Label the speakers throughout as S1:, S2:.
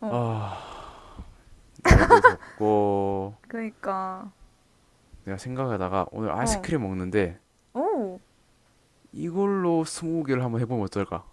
S1: 어,
S2: 아, 날도 덥고
S1: 그러니까.
S2: 내가 생각하다가 오늘
S1: 어.
S2: 아이스크림 먹는데
S1: 오,
S2: 이걸로 스무고개를 한번 해보면 어떨까?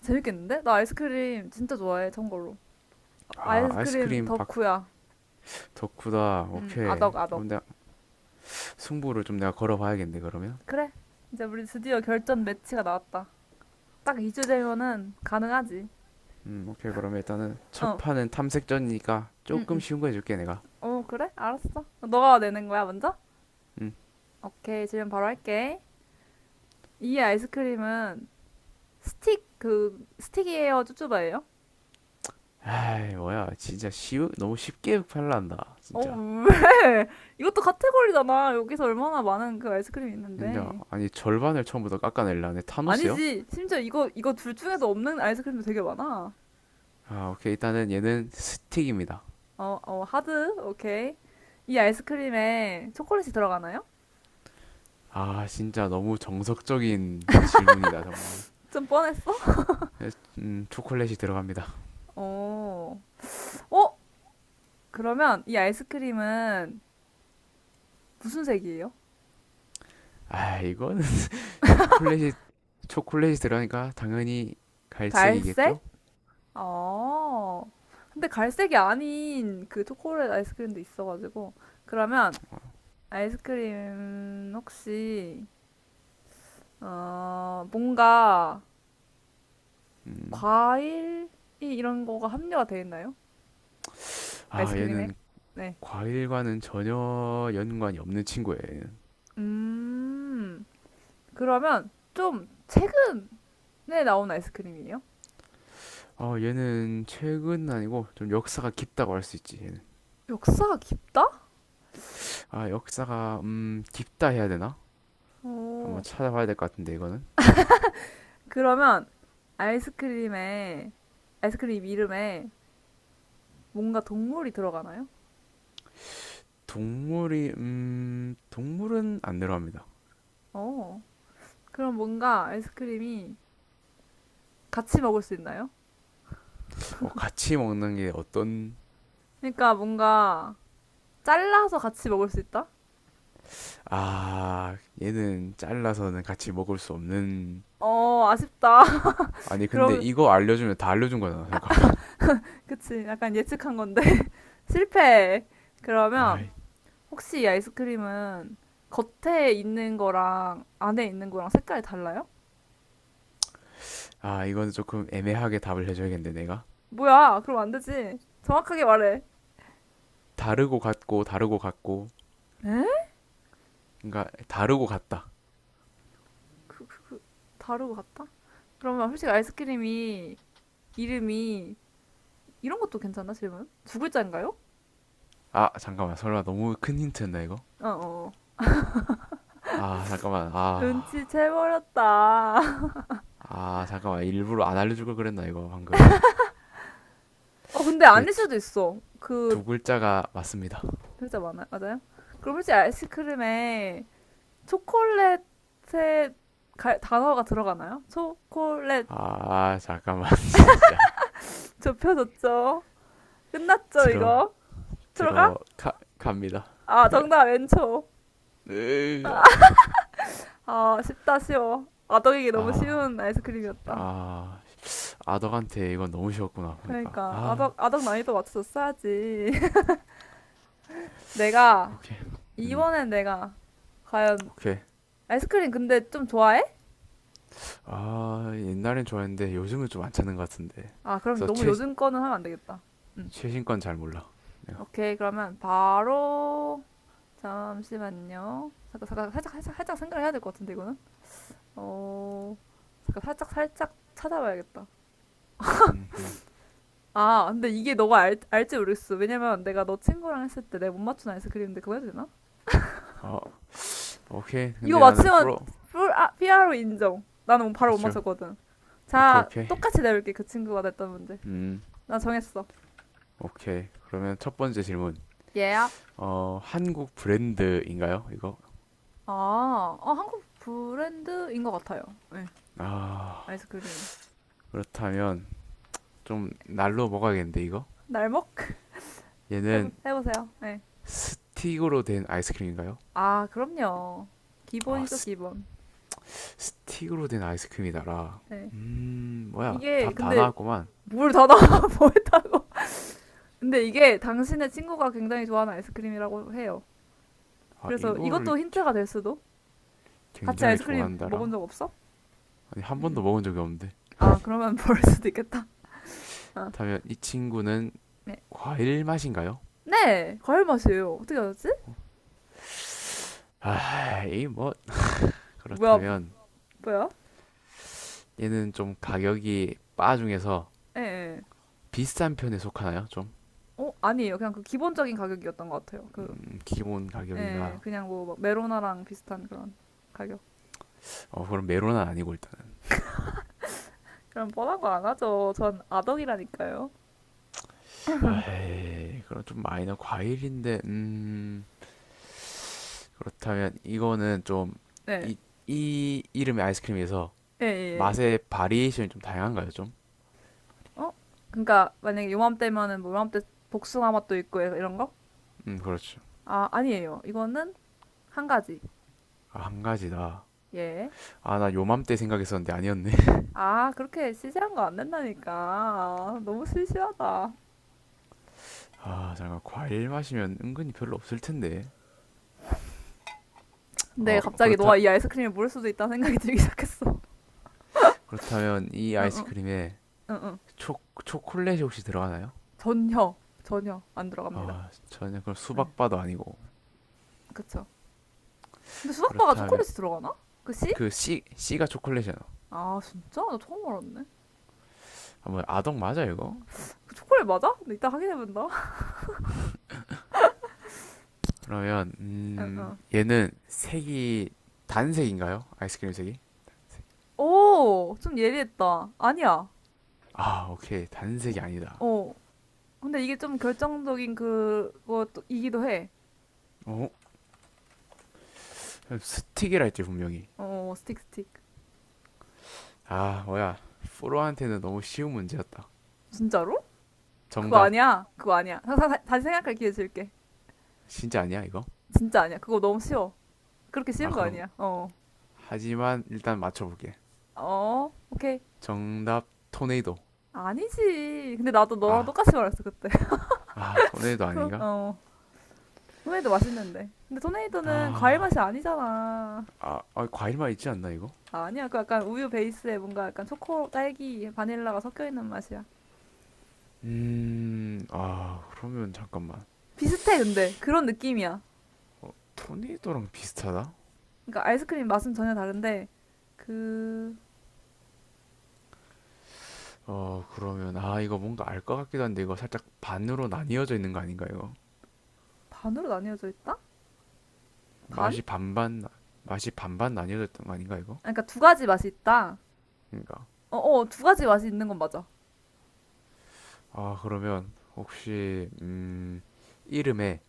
S1: 재밌겠는데? 나 아이스크림 진짜 좋아해, 참고로.
S2: 아,
S1: 아이스크림
S2: 아이스크림 박
S1: 덕후야.
S2: 덕후다. 오케이.
S1: 아덕, 아덕.
S2: 그럼 내가 승부를 좀 내가 걸어봐야겠네, 그러면.
S1: 그래. 이제 우리 드디어 결전 매치가 나왔다. 딱 2주제면은 가능하지.
S2: 오케이. 그러면 일단은 첫
S1: 어.
S2: 판은 탐색전이니까
S1: 응,
S2: 조금
S1: 응.
S2: 쉬운 거 해줄게, 내가.
S1: 어, 그래? 알았어. 너가 내는 거야, 먼저?
S2: 음.
S1: 오케이, 질문 바로 할게. 이 아이스크림은 스틱이에요, 쭈쭈바예요?
S2: 아이, 뭐야. 너무 쉽게 팔란다.
S1: 어,
S2: 진짜.
S1: 왜? 이것도 카테고리잖아. 여기서 얼마나 많은 그 아이스크림이
S2: 진짜.
S1: 있는데.
S2: 아니, 절반을 처음부터 깎아내려네. 타노스요?
S1: 아니지. 심지어 이거 둘 중에도 없는 아이스크림도 되게 많아.
S2: 아, 오케이. 일단은 얘는 스틱입니다.
S1: 어, 어, 하드? 오케이. 이 아이스크림에 초콜릿이 들어가나요?
S2: 아, 진짜 너무 정석적인 질문이다, 정말.
S1: 좀 뻔했어?
S2: 초콜릿이 들어갑니다.
S1: 어. 어? 그러면 이 아이스크림은 무슨 색이에요?
S2: 아, 이거는 초콜릿이, 초콜릿이 들어가니까 당연히
S1: 갈색?
S2: 갈색이겠죠?
S1: 어. 근데 갈색이 아닌 그 초콜릿 아이스크림도 있어가지고. 그러면 아이스크림 혹시, 어, 뭔가
S2: 음,
S1: 과일? 이 이런 거가 합류가 돼 있나요?
S2: 아,
S1: 아이스크림에?
S2: 얘는
S1: 네.
S2: 과일과는 전혀 연관이 없는 친구예요, 얘는.
S1: 음, 그러면 좀 최근에 나온 아이스크림이에요?
S2: 어, 얘는 최근 아니고 좀 역사가 깊다고 할 수 있지, 얘는.
S1: 역사가 깊다?
S2: 아, 역사가, 깊다 해야 되나? 한번
S1: 오,
S2: 찾아봐야 될 것 같은데, 이거는.
S1: 그러면 아이스크림에, 아이스크림 이름에 뭔가 동물이 들어가나요?
S2: 동물이, 동물은 안 들어갑니다.
S1: 어, 그럼 뭔가 아이스크림이 같이 먹을 수 있나요?
S2: 어, 같이 먹는 게 어떤.
S1: 그러니까 뭔가 잘라서 같이 먹을 수 있다?
S2: 아, 얘는 잘라서는 같이 먹을 수 없는.
S1: 어, 아쉽다.
S2: 아니, 근데
S1: 그럼,
S2: 이거 알려주면 다 알려준 거잖아. 잠깐만.
S1: 그치. 약간 예측한 건데. 실패.
S2: 아,
S1: 그러면 혹시 이 아이스크림은 겉에 있는 거랑 안에 있는 거랑 색깔이 달라요?
S2: 아, 이거는 조금 애매하게 답을 해줘야겠는데, 내가.
S1: 뭐야, 그럼 안 되지. 정확하게 말해.
S2: 다르고 같고, 다르고 같고.
S1: 에?
S2: 그러니까, 다르고 같다.
S1: 그, 다르고 같다? 그러면 솔직히 아이스크림이 이름이 이런 것도 괜찮나, 질문? 두 글자인가요?
S2: 아, 잠깐만. 설마 너무 큰 힌트였나, 이거?
S1: 어어.
S2: 아, 잠깐만. 아,
S1: 눈치 채버렸다.
S2: 아, 잠깐만. 일부러 안 알려줄 걸 그랬나, 이거, 방금.
S1: 어, 근데
S2: 렇게
S1: 아닐
S2: 두,
S1: 수도 있어. 그,
S2: 두 글자가 맞습니다.
S1: 글자 많아요? 맞아요? 그럼 솔직히 아이스크림에 초콜릿의 단어가 들어가나요? 초콜릿
S2: 아, 잠깐만. 진짜.
S1: 좁혀졌죠? 끝났죠,
S2: 들어,
S1: 이거? 들어가?
S2: 갑니다.
S1: 아, 정답, 왼초.
S2: 으아.
S1: 아, 쉽다, 쉬워. 아덕이기 너무
S2: 아.
S1: 쉬운 아이스크림이었다.
S2: 아, 아덕한테 이건 너무 쉬웠구나, 보니까.
S1: 그러니까,
S2: 아,
S1: 아덕, 아덕 난이도 맞춰서 써야지 내가,
S2: 오케이. 음,
S1: 이번엔 내가, 과연,
S2: 오케이.
S1: 아이스크림 근데 좀 좋아해?
S2: 아, 옛날엔 좋아했는데 요즘은 좀 안 찾는 것 같은데.
S1: 아, 그럼
S2: 그래서
S1: 너무
S2: 최,
S1: 요즘 거는 하면 안 되겠다. 응.
S2: 최신 건 잘 몰라. 내가.
S1: 오케이, 그러면 바로, 잠시만요. 잠깐, 잠깐, 살짝, 살짝, 살짝 생각을 해야 될 것 같은데, 이거는? 어, 잠깐, 살짝, 살짝 찾아봐야겠다.
S2: 음, 음.
S1: 아, 근데 이게 너가 알지 모르겠어. 왜냐면 내가 너 친구랑 했을 때 내가 못 맞추나 해서 그랬는데 그거 해도 되나?
S2: 어, 오케이.
S1: 이거
S2: 근데 나는
S1: 맞추면
S2: 프로.
S1: 피아로 인정. 나는 뭐 바로 못
S2: 그렇죠.
S1: 맞췄거든.
S2: 오케이,
S1: 자,
S2: 오케이.
S1: 똑같이 내볼게. 그 친구가 냈던 문제.
S2: 음,
S1: 나 정했어.
S2: 오케이. 그러면 첫 번째 질문.
S1: 얘야?
S2: 어, 한국 브랜드인가요? 이거?
S1: 아, 어, 한국 브랜드인 것 같아요. 네,
S2: 아,
S1: 아이스크림이.
S2: 그렇다면 좀 날로 먹어야겠는데, 이거?
S1: 날먹?
S2: 얘는
S1: 해보세요. 네.
S2: 스틱으로 된 아이스크림인가요?
S1: 아, 그럼요.
S2: 아,
S1: 기본이죠,
S2: 스,
S1: 기본.
S2: 스틱으로 된 아이스크림이다라.
S1: 네.
S2: 뭐야.
S1: 이게,
S2: 답 다
S1: 근데,
S2: 나왔구만.
S1: 뭘 다 나와, 뭐 했다고. 근데 이게 당신의 친구가 굉장히 좋아하는 아이스크림이라고 해요.
S2: 아,
S1: 그래서
S2: 이거를
S1: 이것도 힌트가 될 수도? 같이
S2: 굉장히
S1: 아이스크림 먹은
S2: 좋아한다라.
S1: 적 없어?
S2: 아니, 한
S1: 음.
S2: 번도 먹은 적이 없는데.
S1: 아, 그러면 벌 수도 있겠다. 아.
S2: 그렇다면 이 친구는
S1: 네.
S2: 과일 맛인가요?
S1: 네! 과일 맛이에요. 어떻게 알았지?
S2: 아, 이 뭐,
S1: 뭐야, 뭐,
S2: 그렇다면
S1: 뭐야?
S2: 얘는 좀 가격이 바 중에서
S1: 예, 예.
S2: 비싼 편에 속하나요? 좀.
S1: 어, 아니에요. 그냥 그 기본적인 가격이었던 것 같아요. 그,
S2: 기본
S1: 예, 네.
S2: 가격이다.
S1: 그냥 뭐, 막 메로나랑 비슷한 그런 가격.
S2: 어, 그럼 메론은 아니고 일단은.
S1: 그럼 뻔한 거 안 하죠. 전 아덕이라니까요.
S2: 아, 그럼 좀 마이너 과일인데, 그렇다면 이거는 좀.
S1: 네.
S2: 이, 이 이름의 아이스크림에서
S1: 예, 예, 예.
S2: 맛의 바리에이션이 좀 다양한가요, 좀?
S1: 어? 그러니까 만약에 요맘때면은 뭐 요맘때 복숭아 맛도 있고 이런 거?
S2: 그렇죠.
S1: 아, 아니에요. 이거는 한 가지.
S2: 아, 한 가지다.
S1: 예.
S2: 아, 나 요맘때 생각했었는데 아니었네.
S1: 아, 그렇게 시시한 거 안 된다니까. 아, 너무 시시하다.
S2: 아, 잠깐 과일 마시면 은근히 별로 없을 텐데.
S1: 근데
S2: 어,
S1: 갑자기 너가
S2: 그렇다
S1: 이 아이스크림을 모를 수도 있다는 생각이 들기 시작했어.
S2: 그렇다면 이
S1: 응응,
S2: 아이스크림에
S1: 응응.
S2: 초 초콜릿이 혹시 들어가나요?
S1: 전혀, 전혀 안 들어갑니다.
S2: 아, 전혀 그럼
S1: 네,
S2: 수박바도 아니고.
S1: 그쵸. 근데 수박바가
S2: 그렇다면
S1: 초콜릿이 들어가나? 그 씨?
S2: 그 씨.. 씨가 초콜릿이잖아.
S1: 아, 진짜? 나 처음 알았네.
S2: 아, 뭐 아동 맞아 이거?
S1: 그 초콜릿 맞아? 근데 이따 확인해본다.
S2: 그러면
S1: 응응.
S2: 얘는 색이 단색인가요? 아이스크림 색이?
S1: 오, 좀 예리했다. 아니야.
S2: 아, 오케이. 단색이 아니다.
S1: 어. 근데 이게 좀 결정적인 그것이기도 해.
S2: 어? 스틱이라 했지 분명히.
S1: 어, 스틱.
S2: 아, 뭐야. 프로한테는 너무 쉬운 문제였다.
S1: 진짜로?
S2: 정답.
S1: 그거 아니야. 다시 생각할 기회 줄게.
S2: 진짜 아니야 이거?
S1: 진짜 아니야. 그거 너무 쉬워. 그렇게
S2: 아,
S1: 쉬운 거
S2: 그럼
S1: 아니야. 어.
S2: 하지만 일단 맞춰볼게.
S1: 어, 오케이.
S2: 정답 토네이도.
S1: 아니지. 근데 나도 너랑
S2: 아,
S1: 똑같이 말했어, 그때.
S2: 아 토네이도 아닌가?
S1: 어. 토네이도 맛있는데. 근데 토네이도는 과일
S2: 아,
S1: 맛이 아니잖아.
S2: 아 과일만 있지 않나 이거?
S1: 아니야. 그 약간 우유 베이스에 뭔가 약간 초코, 딸기, 바닐라가 섞여 있는 맛이야.
S2: 아 그러면 잠깐만.
S1: 비슷해, 근데. 그런 느낌이야.
S2: 토네이도랑 비슷하다?
S1: 그러니까 아이스크림 맛은 전혀 다른데, 그,
S2: 어, 그러면, 아, 이거 뭔가 알 것 같기도 한데, 이거 살짝 반으로 나뉘어져 있는 거 아닌가, 이거?
S1: 반으로 나뉘어져 있다? 반?
S2: 맛이 반반, 맛이 반반 나뉘어져 있던 거 아닌가, 이거?
S1: 아, 그러니까 두 가지 맛이 있다.
S2: 그러니까.
S1: 두 가지 맛이 있는 건 맞아.
S2: 아, 그러면, 혹시, 이름에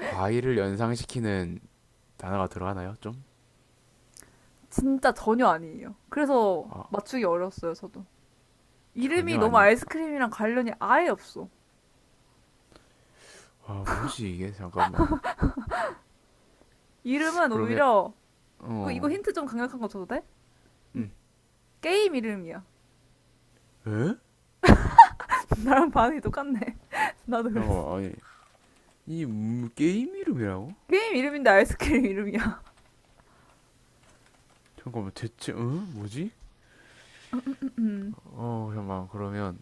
S2: 과일을 연상시키는 단어가 들어가나요, 좀?
S1: 진짜 전혀 아니에요. 그래서
S2: 아,
S1: 맞추기 어려웠어요, 저도. 이름이
S2: 전혀
S1: 너무
S2: 아니다.
S1: 아이스크림이랑 관련이 아예 없어.
S2: 아, 뭐지, 이게? 잠깐만.
S1: 이름은
S2: 그러면,
S1: 오히려
S2: 어,
S1: 이거 힌트 좀 강력한 거 줘도 돼?
S2: 음,
S1: 게임 이름이야.
S2: 에?
S1: 나랑 반응이 똑같네. 나도 그랬어.
S2: 잠깐만, 아니, 이 게임 이름이라고?
S1: 게임 이름인데 아이스크림 이름이야.
S2: 잠깐만, 대체, 응? 뭐지?
S1: 음, 음, 음.
S2: 어, 잠깐만, 그러면,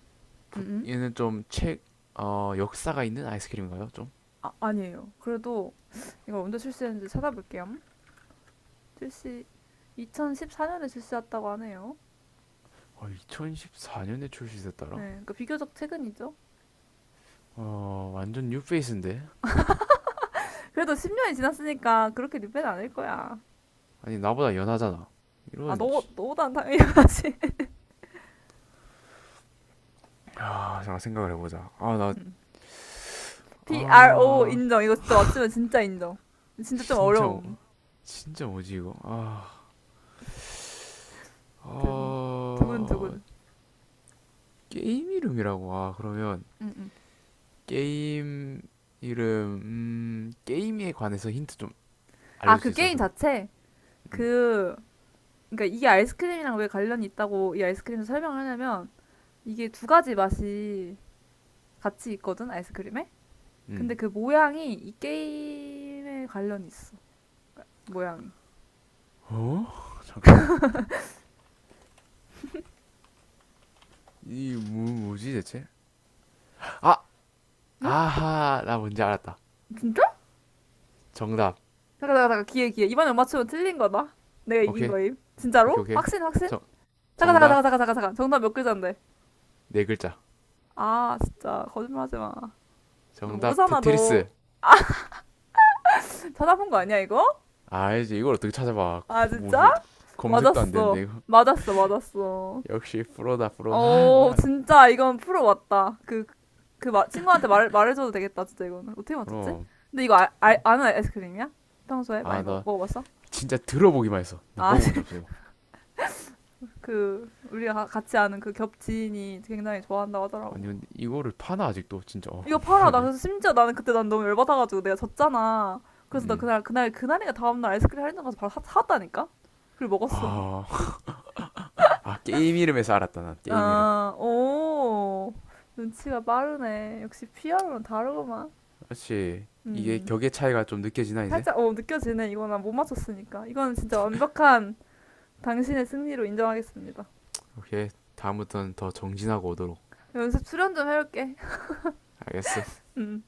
S1: 음, 음.
S2: 얘는 좀 책, 어, 역사가 있는 아이스크림인가요? 좀?
S1: 아, 아니에요. 그래도 이걸 언제 출시했는지 찾아볼게요. 출시 2014년에 출시했다고 하네요.
S2: 어, 2014년에
S1: 네,
S2: 출시됐더라?
S1: 그러니까 비교적 최근이죠.
S2: 어, 완전 뉴페이스인데?
S1: 그래도 10년이 지났으니까 그렇게 리벤 아닐 거야.
S2: 아니, 나보다 연하잖아.
S1: 아,
S2: 이런,
S1: 너보단 당연히 하지.
S2: 아, 잠깐 생각을 해보자. 아, 나,
S1: PRO
S2: 아,
S1: 인정. 이거 진짜 맞추면 진짜 인정. 진짜 좀
S2: 진짜, 뭐-
S1: 어려움.
S2: 진짜 뭐지, 이거? 아,
S1: 든-
S2: 어,
S1: 두근두근.
S2: 게임 이름이라고. 아, 그러면,
S1: 응, 응.
S2: 게임 이름, 게임에 관해서 힌트 좀
S1: 아,
S2: 알려줄 수
S1: 그
S2: 있어?
S1: 게임
S2: 그,
S1: 자체?
S2: 음,
S1: 그, 그니까 이게 아이스크림이랑 왜 관련이 있다고 이 아이스크림을 설명을 하냐면 이게 두 가지 맛이 같이 있거든, 아이스크림에? 근데
S2: 음.
S1: 그 모양이 이 게임에 관련이 있어. 모양이.
S2: 어? 잠깐만. 이, 뭐, 뭐지, 대체? 아!
S1: 어?
S2: 아하, 나 뭔지 알았다.
S1: 진짜?
S2: 정답.
S1: 잠깐. 기회, 기회. 이번에 못 맞추면 틀린 거다. 내가 이긴
S2: 오케이,
S1: 거임. 진짜로?
S2: 오케이.
S1: 확신, 확신?
S2: 정, 정답
S1: 잠깐. 정답 몇 글자인데?
S2: 네 글자.
S1: 아, 진짜. 거짓말 하지 마. 너
S2: 정답
S1: 모르잖아, 너.
S2: 테트리스.
S1: 찾아본 거 아니야, 이거?
S2: 아, 이제 이걸 어떻게 찾아봐?
S1: 아,
S2: 뭐 뭐,
S1: 진짜?
S2: 검색도 안 되는데
S1: 맞았어.
S2: 이거.
S1: 맞았어.
S2: 역시 프로다 프로. 아,
S1: 어,
S2: 뭐야?
S1: 진짜 이건 프로 맞다. 그, 그 친구한테 말해줘도 되겠다, 진짜 이거는. 어떻게 맞췄지?
S2: 그럼.
S1: 근데 이거
S2: 네.
S1: 아는 아이스크림이야? 평소에 많이
S2: 아, 나
S1: 먹어봤어?
S2: 진짜 들어보기만 했어. 나
S1: 아,
S2: 먹어본 적 없어요.
S1: 그, 우리가 같이 아는 그 겹친이 굉장히 좋아한다고
S2: 아니,
S1: 하더라고.
S2: 근데 이거를 파나 아직도 진짜 어,
S1: 이거 팔아. 나
S2: 궁금하네.
S1: 그래서 심지어 나는 그때 난 너무 열받아가지고 내가 졌잖아. 그래서 나
S2: 음.
S1: 그날이가 다음날 아이스크림 할인점 가서 바로 샀다니까? 그리고 먹었어.
S2: 아, 아 게임 이름에서 알았다 난 게임 이름.
S1: 아, 오. 눈치가 빠르네. 역시 피아노는 다르구만.
S2: 그렇지. 이게
S1: 음.
S2: 격의 차이가 좀 느껴지나 이제?
S1: 살짝, 어, 느껴지네. 이거 난 못 맞췄으니까. 이거는 진짜 완벽한 당신의 승리로 인정하겠습니다.
S2: 오케이. 다음부터는 더 정진하고 오도록.
S1: 연습 수련 좀 해올게.
S2: 알겠어.
S1: 음.